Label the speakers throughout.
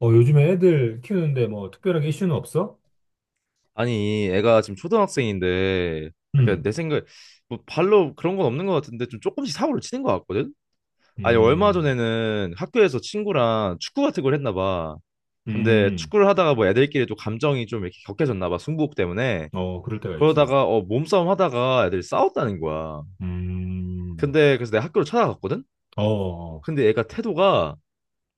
Speaker 1: 어, 요즘에 애들 키우는데 뭐 특별하게 이슈는 없어?
Speaker 2: 아니, 애가 지금 초등학생인데, 약간
Speaker 1: 음.
Speaker 2: 내 생각에, 뭐 발로 그런 건 없는 것 같은데, 좀 조금씩 사고를 치는 것 같거든? 아니, 얼마
Speaker 1: 음.
Speaker 2: 전에는 학교에서 친구랑 축구 같은 걸 했나 봐. 근데
Speaker 1: 음.
Speaker 2: 축구를 하다가 뭐 애들끼리 또 감정이 좀 이렇게 격해졌나 봐, 승부욕 때문에.
Speaker 1: 어, 그럴 때가 있지.
Speaker 2: 그러다가, 몸싸움 하다가 애들이 싸웠다는 거야.
Speaker 1: 음.
Speaker 2: 근데 그래서 내가 학교를 찾아갔거든?
Speaker 1: 어, 어.
Speaker 2: 근데 애가 태도가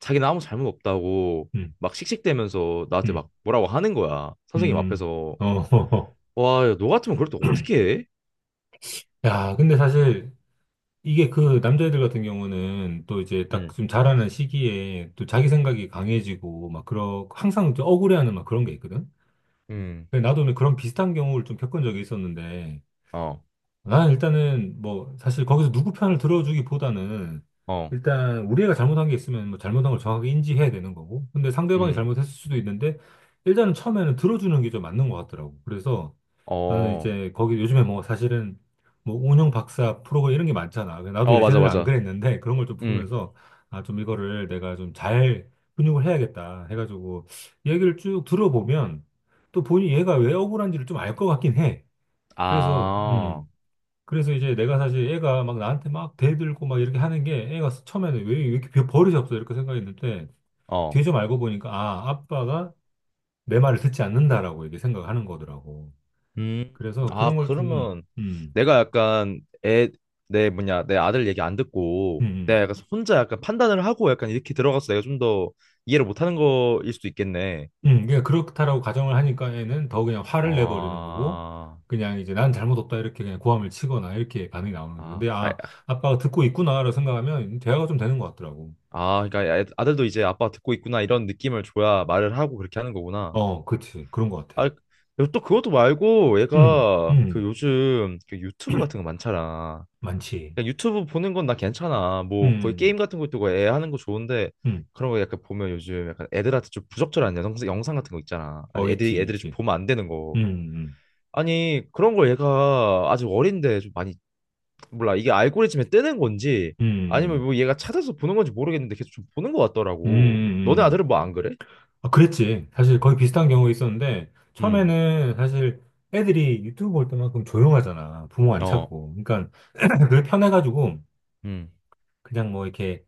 Speaker 2: 자기는 아무 잘못 없다고
Speaker 1: 음.
Speaker 2: 막 씩씩대면서 나한테
Speaker 1: 음.
Speaker 2: 막 뭐라고 하는 거야. 선생님
Speaker 1: 음.
Speaker 2: 앞에서.
Speaker 1: 어.
Speaker 2: 와, 야, 너 같으면 그럴 때 어떻게 해?
Speaker 1: 야, 근데 사실 이게 그 남자애들 같은 경우는 또 이제 딱
Speaker 2: 음.
Speaker 1: 좀 자라는 시기에 또 자기 생각이 강해지고 막 그런, 항상 좀 억울해하는 막 그런 게 있거든?
Speaker 2: 음,
Speaker 1: 근데 나도 오늘 그런 비슷한 경우를 좀 겪은 적이 있었는데
Speaker 2: 어,
Speaker 1: 아, 일단은 뭐 사실 거기서 누구 편을 들어주기보다는
Speaker 2: 어,
Speaker 1: 일단 우리가 잘못한 게 있으면 뭐 잘못한 걸 정확하게 인지해야 되는 거고. 근데 상대방이
Speaker 2: 음,
Speaker 1: 잘못했을 수도 있는데 일단은 처음에는 들어주는 게 좀 맞는 것 같더라고. 그래서 나는
Speaker 2: 어,
Speaker 1: 이제 거기 요즘에 뭐 사실은 뭐 운영 박사 프로가 이런 게 많잖아. 나도
Speaker 2: 어, 맞아,
Speaker 1: 예전에는 안
Speaker 2: 맞아.
Speaker 1: 그랬는데 그런 걸 좀
Speaker 2: 음,
Speaker 1: 보면서 아, 좀 이거를 내가 좀 잘 근육을 해야겠다 해가지고 얘기를 쭉 들어보면 또 본인 얘가 왜 억울한지를 좀 알 것 같긴 해. 그래서
Speaker 2: 아,
Speaker 1: 그래서 이제 내가 사실 애가 막 나한테 막 대들고 막 이렇게 하는 게 애가 처음에는 왜, 이렇게 버릇이 없어 이렇게 생각했는데 뒤에
Speaker 2: 어,
Speaker 1: 좀 알고 보니까 아, 아빠가 내 말을 듣지 않는다라고 이렇게 생각하는 거더라고.
Speaker 2: 음,
Speaker 1: 그래서
Speaker 2: 아,
Speaker 1: 그런 걸 좀,
Speaker 2: 그러면
Speaker 1: 음.
Speaker 2: 내가 약간 애, 내 뭐냐, 내 아들 얘기 안
Speaker 1: 음.
Speaker 2: 듣고 내가
Speaker 1: 음.
Speaker 2: 약간 혼자 약간 판단을 하고 약간 이렇게 들어가서 내가 좀 더 이해를 못하는 거일 수도 있겠네.
Speaker 1: 음. 그냥 그렇다라고 가정을 하니까 애는 더 그냥 화를 내버리는 거고
Speaker 2: 아,
Speaker 1: 그냥 이제 난 잘못 없다 이렇게 그냥 고함을 치거나 이렇게 반응이 나오는 거지.
Speaker 2: 아,
Speaker 1: 근데
Speaker 2: 아,
Speaker 1: 아, 아빠가 듣고 있구나라고 생각하면 대화가 좀 되는 것 같더라고.
Speaker 2: 아, 그러니까 아들도 이제 아빠 듣고 있구나 이런 느낌을 줘야 말을 하고 그렇게 하는 거구나.
Speaker 1: 어, 그렇지. 그런 것 같아.
Speaker 2: 아, 그리고 또 그것도 말고
Speaker 1: 음.
Speaker 2: 얘가 그
Speaker 1: 음.
Speaker 2: 요즘 그 유튜브 같은 거 많잖아.
Speaker 1: 많지.
Speaker 2: 그냥 유튜브 보는 건 나 괜찮아. 뭐 거의
Speaker 1: 음.
Speaker 2: 게임 같은 것도 그애 하는 거 좋은데
Speaker 1: 음.
Speaker 2: 그런 거 약간 보면 요즘 약간 애들한테 좀 부적절한 영상 같은 거 있잖아. 아니,
Speaker 1: 어,
Speaker 2: 애들이
Speaker 1: 있지,
Speaker 2: 애들이 좀
Speaker 1: 있지.
Speaker 2: 보면 안 되는 거.
Speaker 1: 음.
Speaker 2: 아니 그런 걸 얘가 아직 어린데 좀 많이 몰라 이게 알고리즘에 뜨는 건지
Speaker 1: 음.
Speaker 2: 아니면
Speaker 1: 음.
Speaker 2: 뭐 얘가 찾아서 보는 건지 모르겠는데 계속 좀 보는 것
Speaker 1: 음. 음.
Speaker 2: 같더라고. 너네
Speaker 1: 음. 음.
Speaker 2: 아들은 뭐 안 그래?
Speaker 1: 아, 그랬지. 사실 거의 비슷한 경우 있었는데,
Speaker 2: 음,
Speaker 1: 처음에는 사실 애들이 유튜브 볼 때만큼 조용하잖아. 부모 안
Speaker 2: 어,
Speaker 1: 찾고. 그러니까, 그게 편해가지고,
Speaker 2: 음,
Speaker 1: 그냥 뭐 이렇게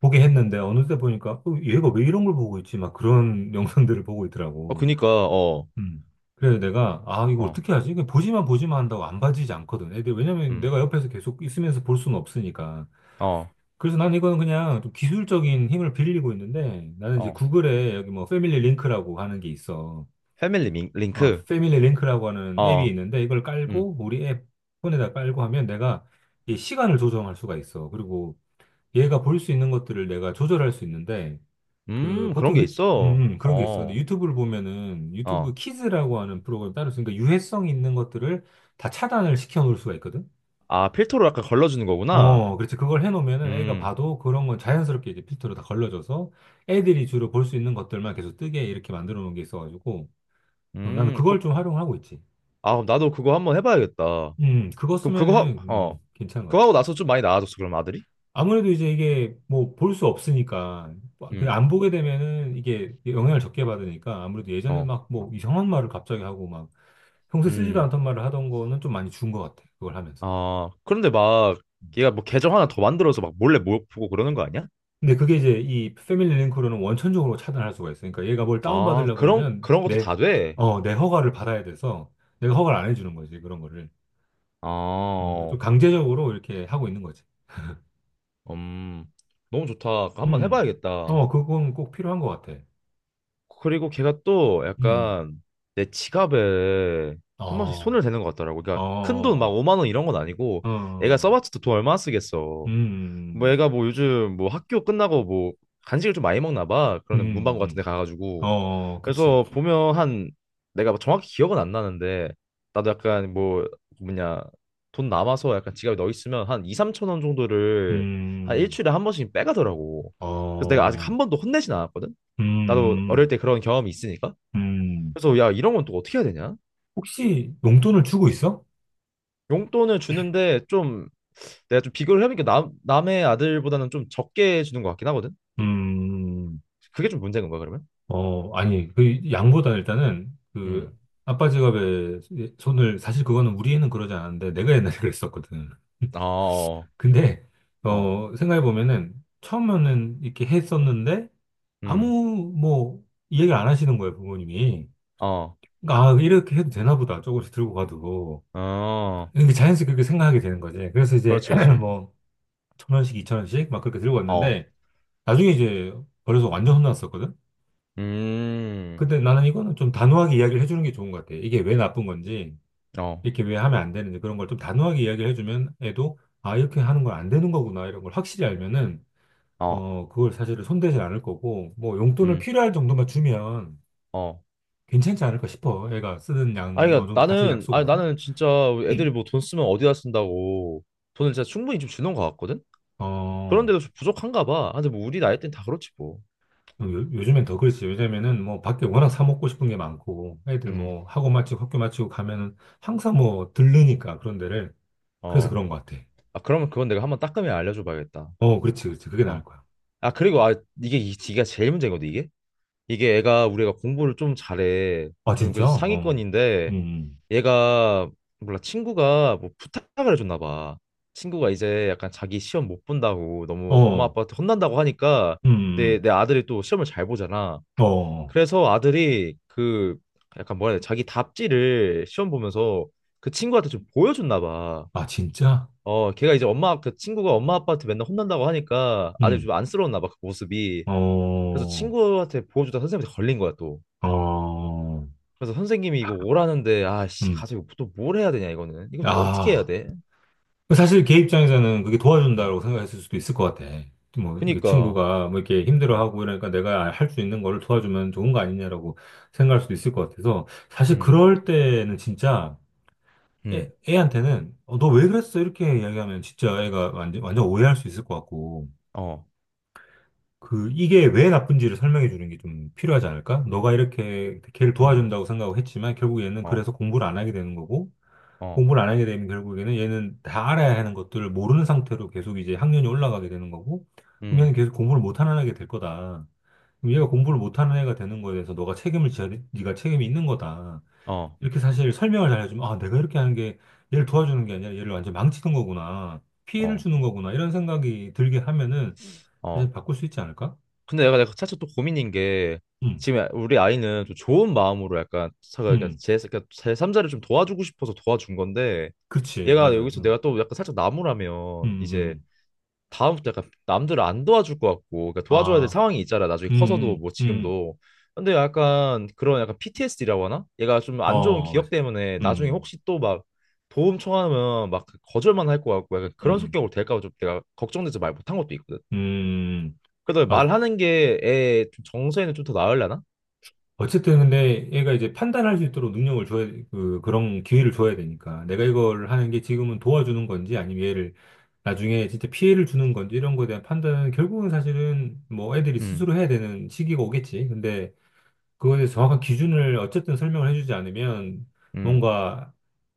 Speaker 1: 보게 했는데, 어느새 보니까, 어, 얘가 왜 이런 걸 보고 있지? 막 그런 영상들을 보고
Speaker 2: 어
Speaker 1: 있더라고.
Speaker 2: 그니까 어,
Speaker 1: 음. 그래서 내가, 아, 이거
Speaker 2: 어,
Speaker 1: 어떻게 하지? 그냥 보지만 한다고 안 봐지지 않거든. 애들, 왜냐면
Speaker 2: 음.
Speaker 1: 내가 옆에서 계속 있으면서 볼 수는 없으니까.
Speaker 2: 어,
Speaker 1: 그래서 난 이거는 그냥 좀 기술적인 힘을 빌리고 있는데 나는 이제
Speaker 2: 어,
Speaker 1: 구글에 여기 뭐 패밀리 링크라고 하는 게 있어.
Speaker 2: 패밀리
Speaker 1: 아,
Speaker 2: 링크,
Speaker 1: 패밀리 링크라고 하는 앱이
Speaker 2: 어,
Speaker 1: 있는데 이걸
Speaker 2: 음,
Speaker 1: 깔고 우리 앱 폰에다 깔고 하면 내가 이 시간을 조정할 수가 있어. 그리고 얘가 볼 수 있는 것들을 내가 조절할 수 있는데 그
Speaker 2: 그런
Speaker 1: 보통
Speaker 2: 게
Speaker 1: 유,
Speaker 2: 있어.
Speaker 1: 음. 그런 게 있어. 근데
Speaker 2: 어,
Speaker 1: 유튜브를 보면은 유튜브
Speaker 2: 어,
Speaker 1: 키즈라고 하는 프로그램 따로 있으니까 유해성 있는 것들을 다 차단을 시켜 놓을 수가 있거든.
Speaker 2: 아, 필터로 약간 걸러주는 거구나.
Speaker 1: 어, 그렇지. 그걸 해놓으면은 애가
Speaker 2: 음,
Speaker 1: 봐도 그런 건 자연스럽게 이제 필터로 다 걸러져서 애들이 주로 볼 수 있는 것들만 계속 뜨게 이렇게 만들어 놓은 게 있어가지고 어, 나는 그걸
Speaker 2: 그,
Speaker 1: 좀 활용하고 있지.
Speaker 2: 아, 그럼 나도 그거 한번 해봐야겠다.
Speaker 1: 그거
Speaker 2: 그럼 그거
Speaker 1: 쓰면은
Speaker 2: 하, 어,
Speaker 1: 괜찮은 것
Speaker 2: 그거
Speaker 1: 같아.
Speaker 2: 하고 나서 좀 많이 나아졌어, 그럼 아들이?
Speaker 1: 아무래도 이제 이게 뭐 볼 수 없으니까 뭐 그
Speaker 2: 음,
Speaker 1: 안 보게 되면은 이게 영향을 적게 받으니까 아무래도 예전에
Speaker 2: 어,
Speaker 1: 막 뭐 이상한 말을 갑자기 하고 막 평소에 쓰지도
Speaker 2: 음,
Speaker 1: 않던 말을 하던 거는 좀 많이 준 것 같아. 그걸 하면서.
Speaker 2: 아, 그런데 막 얘가 뭐 계정 하나 더 만들어서 막 몰래 모 보고 그러는 거 아니야?
Speaker 1: 근데 그게 이제 이 패밀리 링크로는 원천적으로 차단할 수가 있어요. 그러니까 얘가 뭘
Speaker 2: 아,
Speaker 1: 다운받으려고
Speaker 2: 그런
Speaker 1: 그러면
Speaker 2: 그런 것도
Speaker 1: 내,
Speaker 2: 다 돼.
Speaker 1: 어, 내 허가를 받아야 돼서 내가 허가를 안 해주는 거지, 그런 거를. 어, 그러니까 좀
Speaker 2: 아,
Speaker 1: 강제적으로 이렇게 하고 있는 거지.
Speaker 2: 음, 너무 좋다. 한번
Speaker 1: 음.
Speaker 2: 해봐야겠다.
Speaker 1: 어, 그건 꼭 필요한 것 같아.
Speaker 2: 그리고 걔가 또
Speaker 1: 음.
Speaker 2: 약간 내 지갑에 한 번씩
Speaker 1: 어,
Speaker 2: 손을 대는 것 같더라고. 그러니까 큰 돈 막
Speaker 1: 어,
Speaker 2: 5만 원 이런 건 아니고 애가
Speaker 1: 어.
Speaker 2: 써봤자 또 돈 얼마나 쓰겠어. 뭐
Speaker 1: 음.
Speaker 2: 애가 뭐 요즘 뭐 학교 끝나고 뭐 간식을 좀 많이 먹나 봐. 그러는 문방구
Speaker 1: 음.
Speaker 2: 같은
Speaker 1: 음.
Speaker 2: 데
Speaker 1: 어,
Speaker 2: 가가지고.
Speaker 1: 어, 그치.
Speaker 2: 그래서 보면 한 내가 정확히 기억은 안 나는데 나도 약간 뭐 뭐냐 돈 남아서 약간 지갑에 넣어 있으면 한 2, 3천 원 정도를 한
Speaker 1: 음.
Speaker 2: 일주일에 한 번씩 빼가더라고. 그래서 내가 아직
Speaker 1: 어.
Speaker 2: 한 번도 혼내진 않았거든. 나도 어릴
Speaker 1: 음.
Speaker 2: 때 그런 경험이 있으니까.
Speaker 1: 음. 음.
Speaker 2: 그래서 야, 이런 건 또 어떻게 해야 되냐?
Speaker 1: 혹시 용돈을 주고 있어?
Speaker 2: 용돈을 주는데 좀 내가 좀 비교를 해보니까 남, 남의 아들보다는 좀 적게 주는 것 같긴 하거든?
Speaker 1: 음.
Speaker 2: 그게 좀 문제인 건가, 그러면?
Speaker 1: 어, 아니, 그 양보다 일단은 그
Speaker 2: 음.
Speaker 1: 아빠 지갑에 손을 사실 그거는 우리 애는 그러지 않았는데 내가 옛날에 그랬었거든.
Speaker 2: 어, 어,
Speaker 1: 근데
Speaker 2: 어,
Speaker 1: 어, 생각해 보면은 처음에는 이렇게 했었는데
Speaker 2: 음,
Speaker 1: 아무 뭐 이야기를 안 하시는 거예요, 부모님이.
Speaker 2: 어,
Speaker 1: 그러니까 아, 이렇게 해도 되나 보다. 조금씩 들고 가도.
Speaker 2: 어,
Speaker 1: 이게 자연스럽게 그렇게 생각하게 되는 거지. 그래서 이제
Speaker 2: 그렇지, 그렇지.
Speaker 1: 뭐 천 원씩, 이천 원씩 막 그렇게 들고
Speaker 2: 어,
Speaker 1: 왔는데 나중에 이제 어려서 완전 혼났었거든.
Speaker 2: 음,
Speaker 1: 근데 나는 이거는 좀 단호하게 이야기를 해주는 게 좋은 것 같아. 이게 왜 나쁜 건지.
Speaker 2: 어,
Speaker 1: 이렇게 왜 하면 안 되는지 그런 걸 좀 단호하게 이야기를 해주면 애도 아, 이렇게 하는 건 안 되는 거구나 이런 걸 확실히 알면은
Speaker 2: 어,
Speaker 1: 어, 그걸 사실은 손대지 않을 거고 뭐 용돈을
Speaker 2: 음,
Speaker 1: 필요할 정도만 주면
Speaker 2: 어.
Speaker 1: 괜찮지 않을까 싶어. 애가 쓰는 양
Speaker 2: 아니,
Speaker 1: 어느
Speaker 2: 그러니까
Speaker 1: 정도 같이
Speaker 2: 나는,
Speaker 1: 약속을
Speaker 2: 아니,
Speaker 1: 하고.
Speaker 2: 나는 진짜 애들이 뭐 돈 쓰면 어디다 쓴다고 돈을 진짜 충분히 좀 주는 것 같거든?
Speaker 1: 어,
Speaker 2: 그런데도 좀 부족한가 봐. 아, 근데 뭐 우리 나이 때는 다 그렇지 뭐.
Speaker 1: 요, 요즘엔 더 그렇지. 요즘에는 뭐 밖에 워낙 사 먹고 싶은 게 많고 애들
Speaker 2: 음.
Speaker 1: 뭐 학원 마치고 학교 마치고 가면은 항상 뭐 들르니까 그런 데를. 그래서
Speaker 2: 어.
Speaker 1: 그런 것 같아.
Speaker 2: 아, 그러면 그건 내가 한번 따끔히 알려줘 봐야겠다.
Speaker 1: 어, 그렇지, 그렇지. 그게 나을
Speaker 2: 어.
Speaker 1: 거야.
Speaker 2: 아, 그리고 아, 이게 제일 문제거든, 이게. 이게 애가 우리가 공부를 좀 잘해.
Speaker 1: 아,
Speaker 2: 좀
Speaker 1: 진짜?
Speaker 2: 그래서 상위권인데 얘가 몰라 친구가 뭐 부탁을 해줬나 봐. 친구가 이제 약간 자기 시험 못 본다고 너무 엄마
Speaker 1: 어음어음
Speaker 2: 아빠한테 혼난다고 하니까 내 아들이 또 시험을 잘 보잖아.
Speaker 1: 어,
Speaker 2: 그래서 아들이 그 약간 뭐라 해야 돼? 자기 답지를 시험 보면서 그 친구한테 좀 보여줬나 봐.
Speaker 1: 아, 진짜?
Speaker 2: 어, 걔가 이제 엄마, 그 친구가 엄마 아빠한테 맨날 혼난다고 하니까 아들
Speaker 1: 음.
Speaker 2: 좀 안쓰러웠나 봐, 그 모습이. 그래서
Speaker 1: 어.
Speaker 2: 친구한테 보여주다 선생님한테 걸린 거야, 또.
Speaker 1: 어.
Speaker 2: 그래서 선생님이 이거 오라는데, 아, 씨,
Speaker 1: 음.
Speaker 2: 가서 이거 또 뭘 해야 되냐, 이거는. 이거 또 어떻게 해야
Speaker 1: 아.
Speaker 2: 돼?
Speaker 1: 사실 걔 입장에서는 그게
Speaker 2: 음.
Speaker 1: 도와준다고 생각했을 수도 있을 것 같아. 뭐, 이게
Speaker 2: 그니까,
Speaker 1: 친구가 뭐 이렇게
Speaker 2: 어,
Speaker 1: 힘들어하고 이러니까 내가 할 수 있는 거를 도와주면 좋은 거 아니냐라고 생각할 수도 있을 것 같아서 사실
Speaker 2: 음,
Speaker 1: 그럴 때는 진짜 애,
Speaker 2: 음,
Speaker 1: 애한테는 어, 너왜 그랬어? 이렇게 이야기하면 진짜 애가 완전, 완전 오해할 수 있을 것 같고.
Speaker 2: 어,
Speaker 1: 그, 이게 왜 나쁜지를 설명해 주는 게 좀 필요하지 않을까? 너가 이렇게 걔를
Speaker 2: 음,
Speaker 1: 도와준다고 생각을 했지만 결국 얘는
Speaker 2: 어,
Speaker 1: 그래서 공부를 안 하게 되는 거고,
Speaker 2: 어,
Speaker 1: 공부를 안 하게 되면 결국에는 얘는 다 알아야 하는 것들을 모르는 상태로 계속 이제 학년이 올라가게 되는 거고, 그럼
Speaker 2: 음,
Speaker 1: 얘는 계속 공부를 못하는 애가 될 거다. 그럼 얘가 공부를 못하는 애가 되는 거에 대해서 너가 책임을 져야, 돼. 네가 책임이 있는 거다.
Speaker 2: 어,
Speaker 1: 이렇게 사실 설명을 잘 해주면, 아, 내가 이렇게 하는 게 얘를 도와주는 게 아니라 얘를 완전 망치는 거구나. 피해를
Speaker 2: 어,
Speaker 1: 주는 거구나. 이런 생각이 들게 하면은 사실
Speaker 2: 어.
Speaker 1: 바꿀 수 있지 않을까?
Speaker 2: 근데 내가 내가 사실 또 고민인 게
Speaker 1: 음.
Speaker 2: 지금 우리 아이는 좀 좋은 마음으로 약간 제가
Speaker 1: 음,
Speaker 2: 제 그러니까 제삼자를 좀 도와주고 싶어서 도와준 건데
Speaker 1: 그렇지,
Speaker 2: 얘가
Speaker 1: 맞아.
Speaker 2: 여기서
Speaker 1: 음.
Speaker 2: 내가 또 약간 살짝
Speaker 1: 음.
Speaker 2: 나무라면
Speaker 1: 음.
Speaker 2: 이제
Speaker 1: 음.
Speaker 2: 다음부터 약간 남들을 안 도와줄 것 같고 그러니까 도와줘야 될
Speaker 1: 아,
Speaker 2: 상황이 있잖아 나중에
Speaker 1: 음.
Speaker 2: 커서도
Speaker 1: 음.
Speaker 2: 뭐
Speaker 1: 음. 음.
Speaker 2: 지금도 근데 약간 그런 약간 PTSD라고 하나? 얘가 좀 안 좋은
Speaker 1: 어,
Speaker 2: 기억
Speaker 1: 맞아.
Speaker 2: 때문에 나중에
Speaker 1: 음.
Speaker 2: 혹시 또 막 도움 청하면 막 거절만 할 것 같고 약간 그런
Speaker 1: 음.
Speaker 2: 성격으로 될까 봐 좀 내가 걱정돼서 말 못한 것도 있거든.
Speaker 1: 음.
Speaker 2: 그래도
Speaker 1: 맞.
Speaker 2: 말하는 게 애 정서에는 좀 더 나으려나?
Speaker 1: 어쨌든 근데 얘가 이제 판단할 수 있도록 능력을 줘야, 그, 그런 기회를 줘야 되니까. 내가 이걸 하는 게 지금은 도와주는 건지 아니면 얘를 나중에 진짜 피해를 주는 건지 이런 거에 대한 판단은 결국은 사실은 뭐 애들이
Speaker 2: 음,
Speaker 1: 스스로 해야 되는 시기가 오겠지. 근데 그거에 대해서 정확한 기준을 어쨌든 설명을 해주지 않으면
Speaker 2: 음,
Speaker 1: 뭔가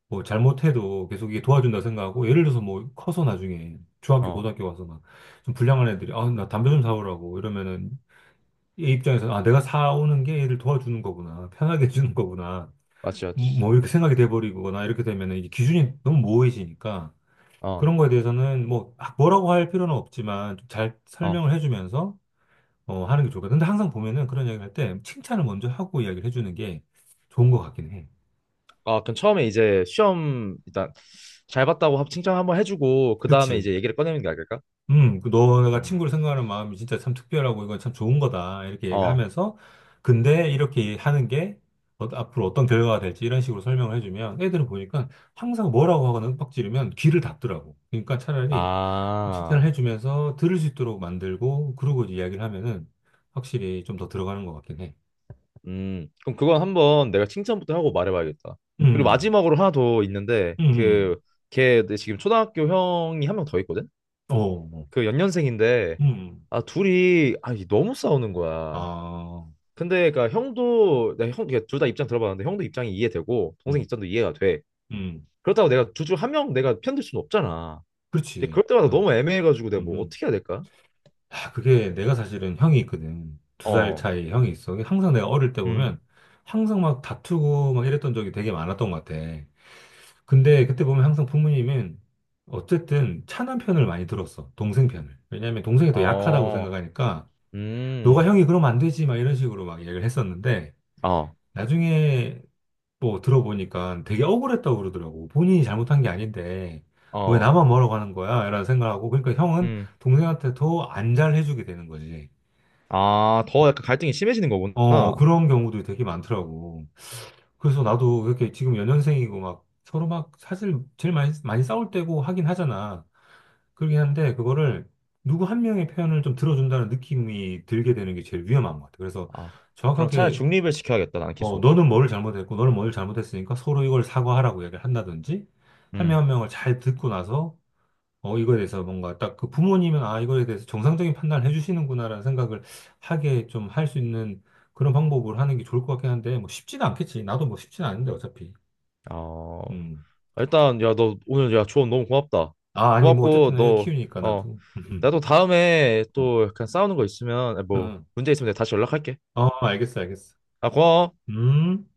Speaker 1: 뭐 잘못해도 계속 이게 도와준다 생각하고 예를 들어서 뭐 커서 나중에 중학교
Speaker 2: 어,
Speaker 1: 고등학교 가서 막 좀 불량한 애들이 아 나 담배 좀 사오라고 이러면은 얘 입장에서 아 내가 사오는 게 얘를 도와주는 거구나 편하게 해주는 거구나 뭐
Speaker 2: 맞지, 맞지.
Speaker 1: 뭐 이렇게 생각이 돼버리거나 이렇게 되면은 이제 기준이 너무 모호해지니까
Speaker 2: 어,
Speaker 1: 그런 거에 대해서는 뭐 아, 뭐라고 할 필요는 없지만 좀잘
Speaker 2: 어,
Speaker 1: 설명을 해주면서 어 하는 게 좋을 것 같아. 근데 항상 보면은 그런 이야기를 할 때 칭찬을 먼저 하고 이야기를 해주는 게 좋은 것 같긴 해.
Speaker 2: 아, 그럼 처음에 이제 시험 일단 잘 봤다고 칭찬 한번 해주고 그 다음에
Speaker 1: 그치.
Speaker 2: 이제 얘기를 꺼내는 게 나을까?
Speaker 1: 그 너가
Speaker 2: 음,
Speaker 1: 친구를 생각하는 마음이 진짜 참 특별하고 이건 참 좋은 거다. 이렇게
Speaker 2: 어,
Speaker 1: 얘기하면서, 근데 이렇게 하는 게 앞으로 어떤 결과가 될지 이런 식으로 설명을 해주면 애들은 보니까 항상 뭐라고 하거나 윽박 지르면 귀를 닫더라고. 그러니까 차라리 칭찬을
Speaker 2: 아,
Speaker 1: 해주면서 들을 수 있도록 만들고 그러고 이제 이야기를 하면은 확실히 좀 더 들어가는 것 같긴 해.
Speaker 2: 그럼 그건 한번 내가 칭찬부터 하고 말해봐야겠다. 그리고
Speaker 1: 음.
Speaker 2: 마지막으로 하나 더 있는데,
Speaker 1: 음.
Speaker 2: 그, 걔 지금 초등학교 형이 한 명 더 있거든?
Speaker 1: 어, 어, 뭐.
Speaker 2: 그 연년생인데,
Speaker 1: 음.
Speaker 2: 아, 둘이, 아, 이게 너무 싸우는 거야.
Speaker 1: 아.
Speaker 2: 근데 그러니까 형도 내가 형 둘 다 입장 들어봤는데 형도 입장이 이해되고 동생
Speaker 1: 음.
Speaker 2: 입장도 이해가 돼.
Speaker 1: 음.
Speaker 2: 그렇다고 내가 둘 중 한 명 내가 편들 수는 없잖아. 근데
Speaker 1: 그렇지.
Speaker 2: 그럴 때마다
Speaker 1: 어.
Speaker 2: 너무 애매해가지고 내가
Speaker 1: 음.
Speaker 2: 뭐
Speaker 1: 음.
Speaker 2: 어떻게 해야 될까?
Speaker 1: 아, 그게 내가 사실은 형이 있거든. 두 살
Speaker 2: 어,
Speaker 1: 차이 형이 있어. 항상 내가 어릴 때
Speaker 2: 음,
Speaker 1: 보면 항상 막 다투고 막 이랬던 적이 되게 많았던 것 같아. 근데 그때 보면 항상 부모님은 어쨌든 차남 편을 많이 들었어. 동생 편을. 왜냐면 동생이 더 약하다고
Speaker 2: 어,
Speaker 1: 생각하니까 너가
Speaker 2: 음,
Speaker 1: 형이 그러면 안 되지 막 이런 식으로 막 얘기를 했었는데
Speaker 2: 어,
Speaker 1: 나중에 뭐 들어보니까 되게 억울했다고 그러더라고. 본인이 잘못한 게 아닌데 왜
Speaker 2: 어,
Speaker 1: 나만 뭐라고 하는 거야? 이런 생각하고 그러니까 형은
Speaker 2: 음.
Speaker 1: 동생한테 더 안 잘해주게 되는 거지.
Speaker 2: 아, 더 약간 갈등이 심해지는
Speaker 1: 어,
Speaker 2: 거구나.
Speaker 1: 그런 경우도 되게 많더라고. 그래서 나도 이렇게 지금 연년생이고 막 서로 막 사실 제일 많이, 많이 싸울 때고 하긴 하잖아. 그러긴 한데 그거를 누구 한 명의 표현을 좀 들어준다는 느낌이 들게 되는 게 제일 위험한 것 같아. 그래서
Speaker 2: 아, 그럼 차라리
Speaker 1: 정확하게
Speaker 2: 중립을 시켜야겠다. 나는
Speaker 1: 어,
Speaker 2: 계속.
Speaker 1: 너는 뭐를 잘못했고 너는 뭘 잘못했으니까 서로 이걸 사과하라고 얘기를 한다든지 한 명
Speaker 2: 음,
Speaker 1: 한 명을 잘 듣고 나서 어, 이거에 대해서 뭔가 딱 그 부모님은 아, 이거에 대해서 정상적인 판단을 해주시는구나라는 생각을 하게 좀 할 수 있는 그런 방법을 하는 게 좋을 것 같긴 한데, 뭐 쉽지는 않겠지. 나도 뭐 쉽지는 않은데, 어차피.
Speaker 2: 어.
Speaker 1: 음.
Speaker 2: 아, 일단 야 너 오늘 야 조언 너무 고맙다.
Speaker 1: 아, 아니, 뭐
Speaker 2: 고맙고
Speaker 1: 어쨌든 애
Speaker 2: 너
Speaker 1: 키우니까
Speaker 2: 어
Speaker 1: 나도.
Speaker 2: 나도 다음에
Speaker 1: 어,
Speaker 2: 또 그냥 싸우는 거 있으면 아, 뭐
Speaker 1: 응.
Speaker 2: 문제 있으면 내가 다시 연락할게.
Speaker 1: 어, 알겠어, 알겠어.
Speaker 2: 아 고마워.
Speaker 1: 음.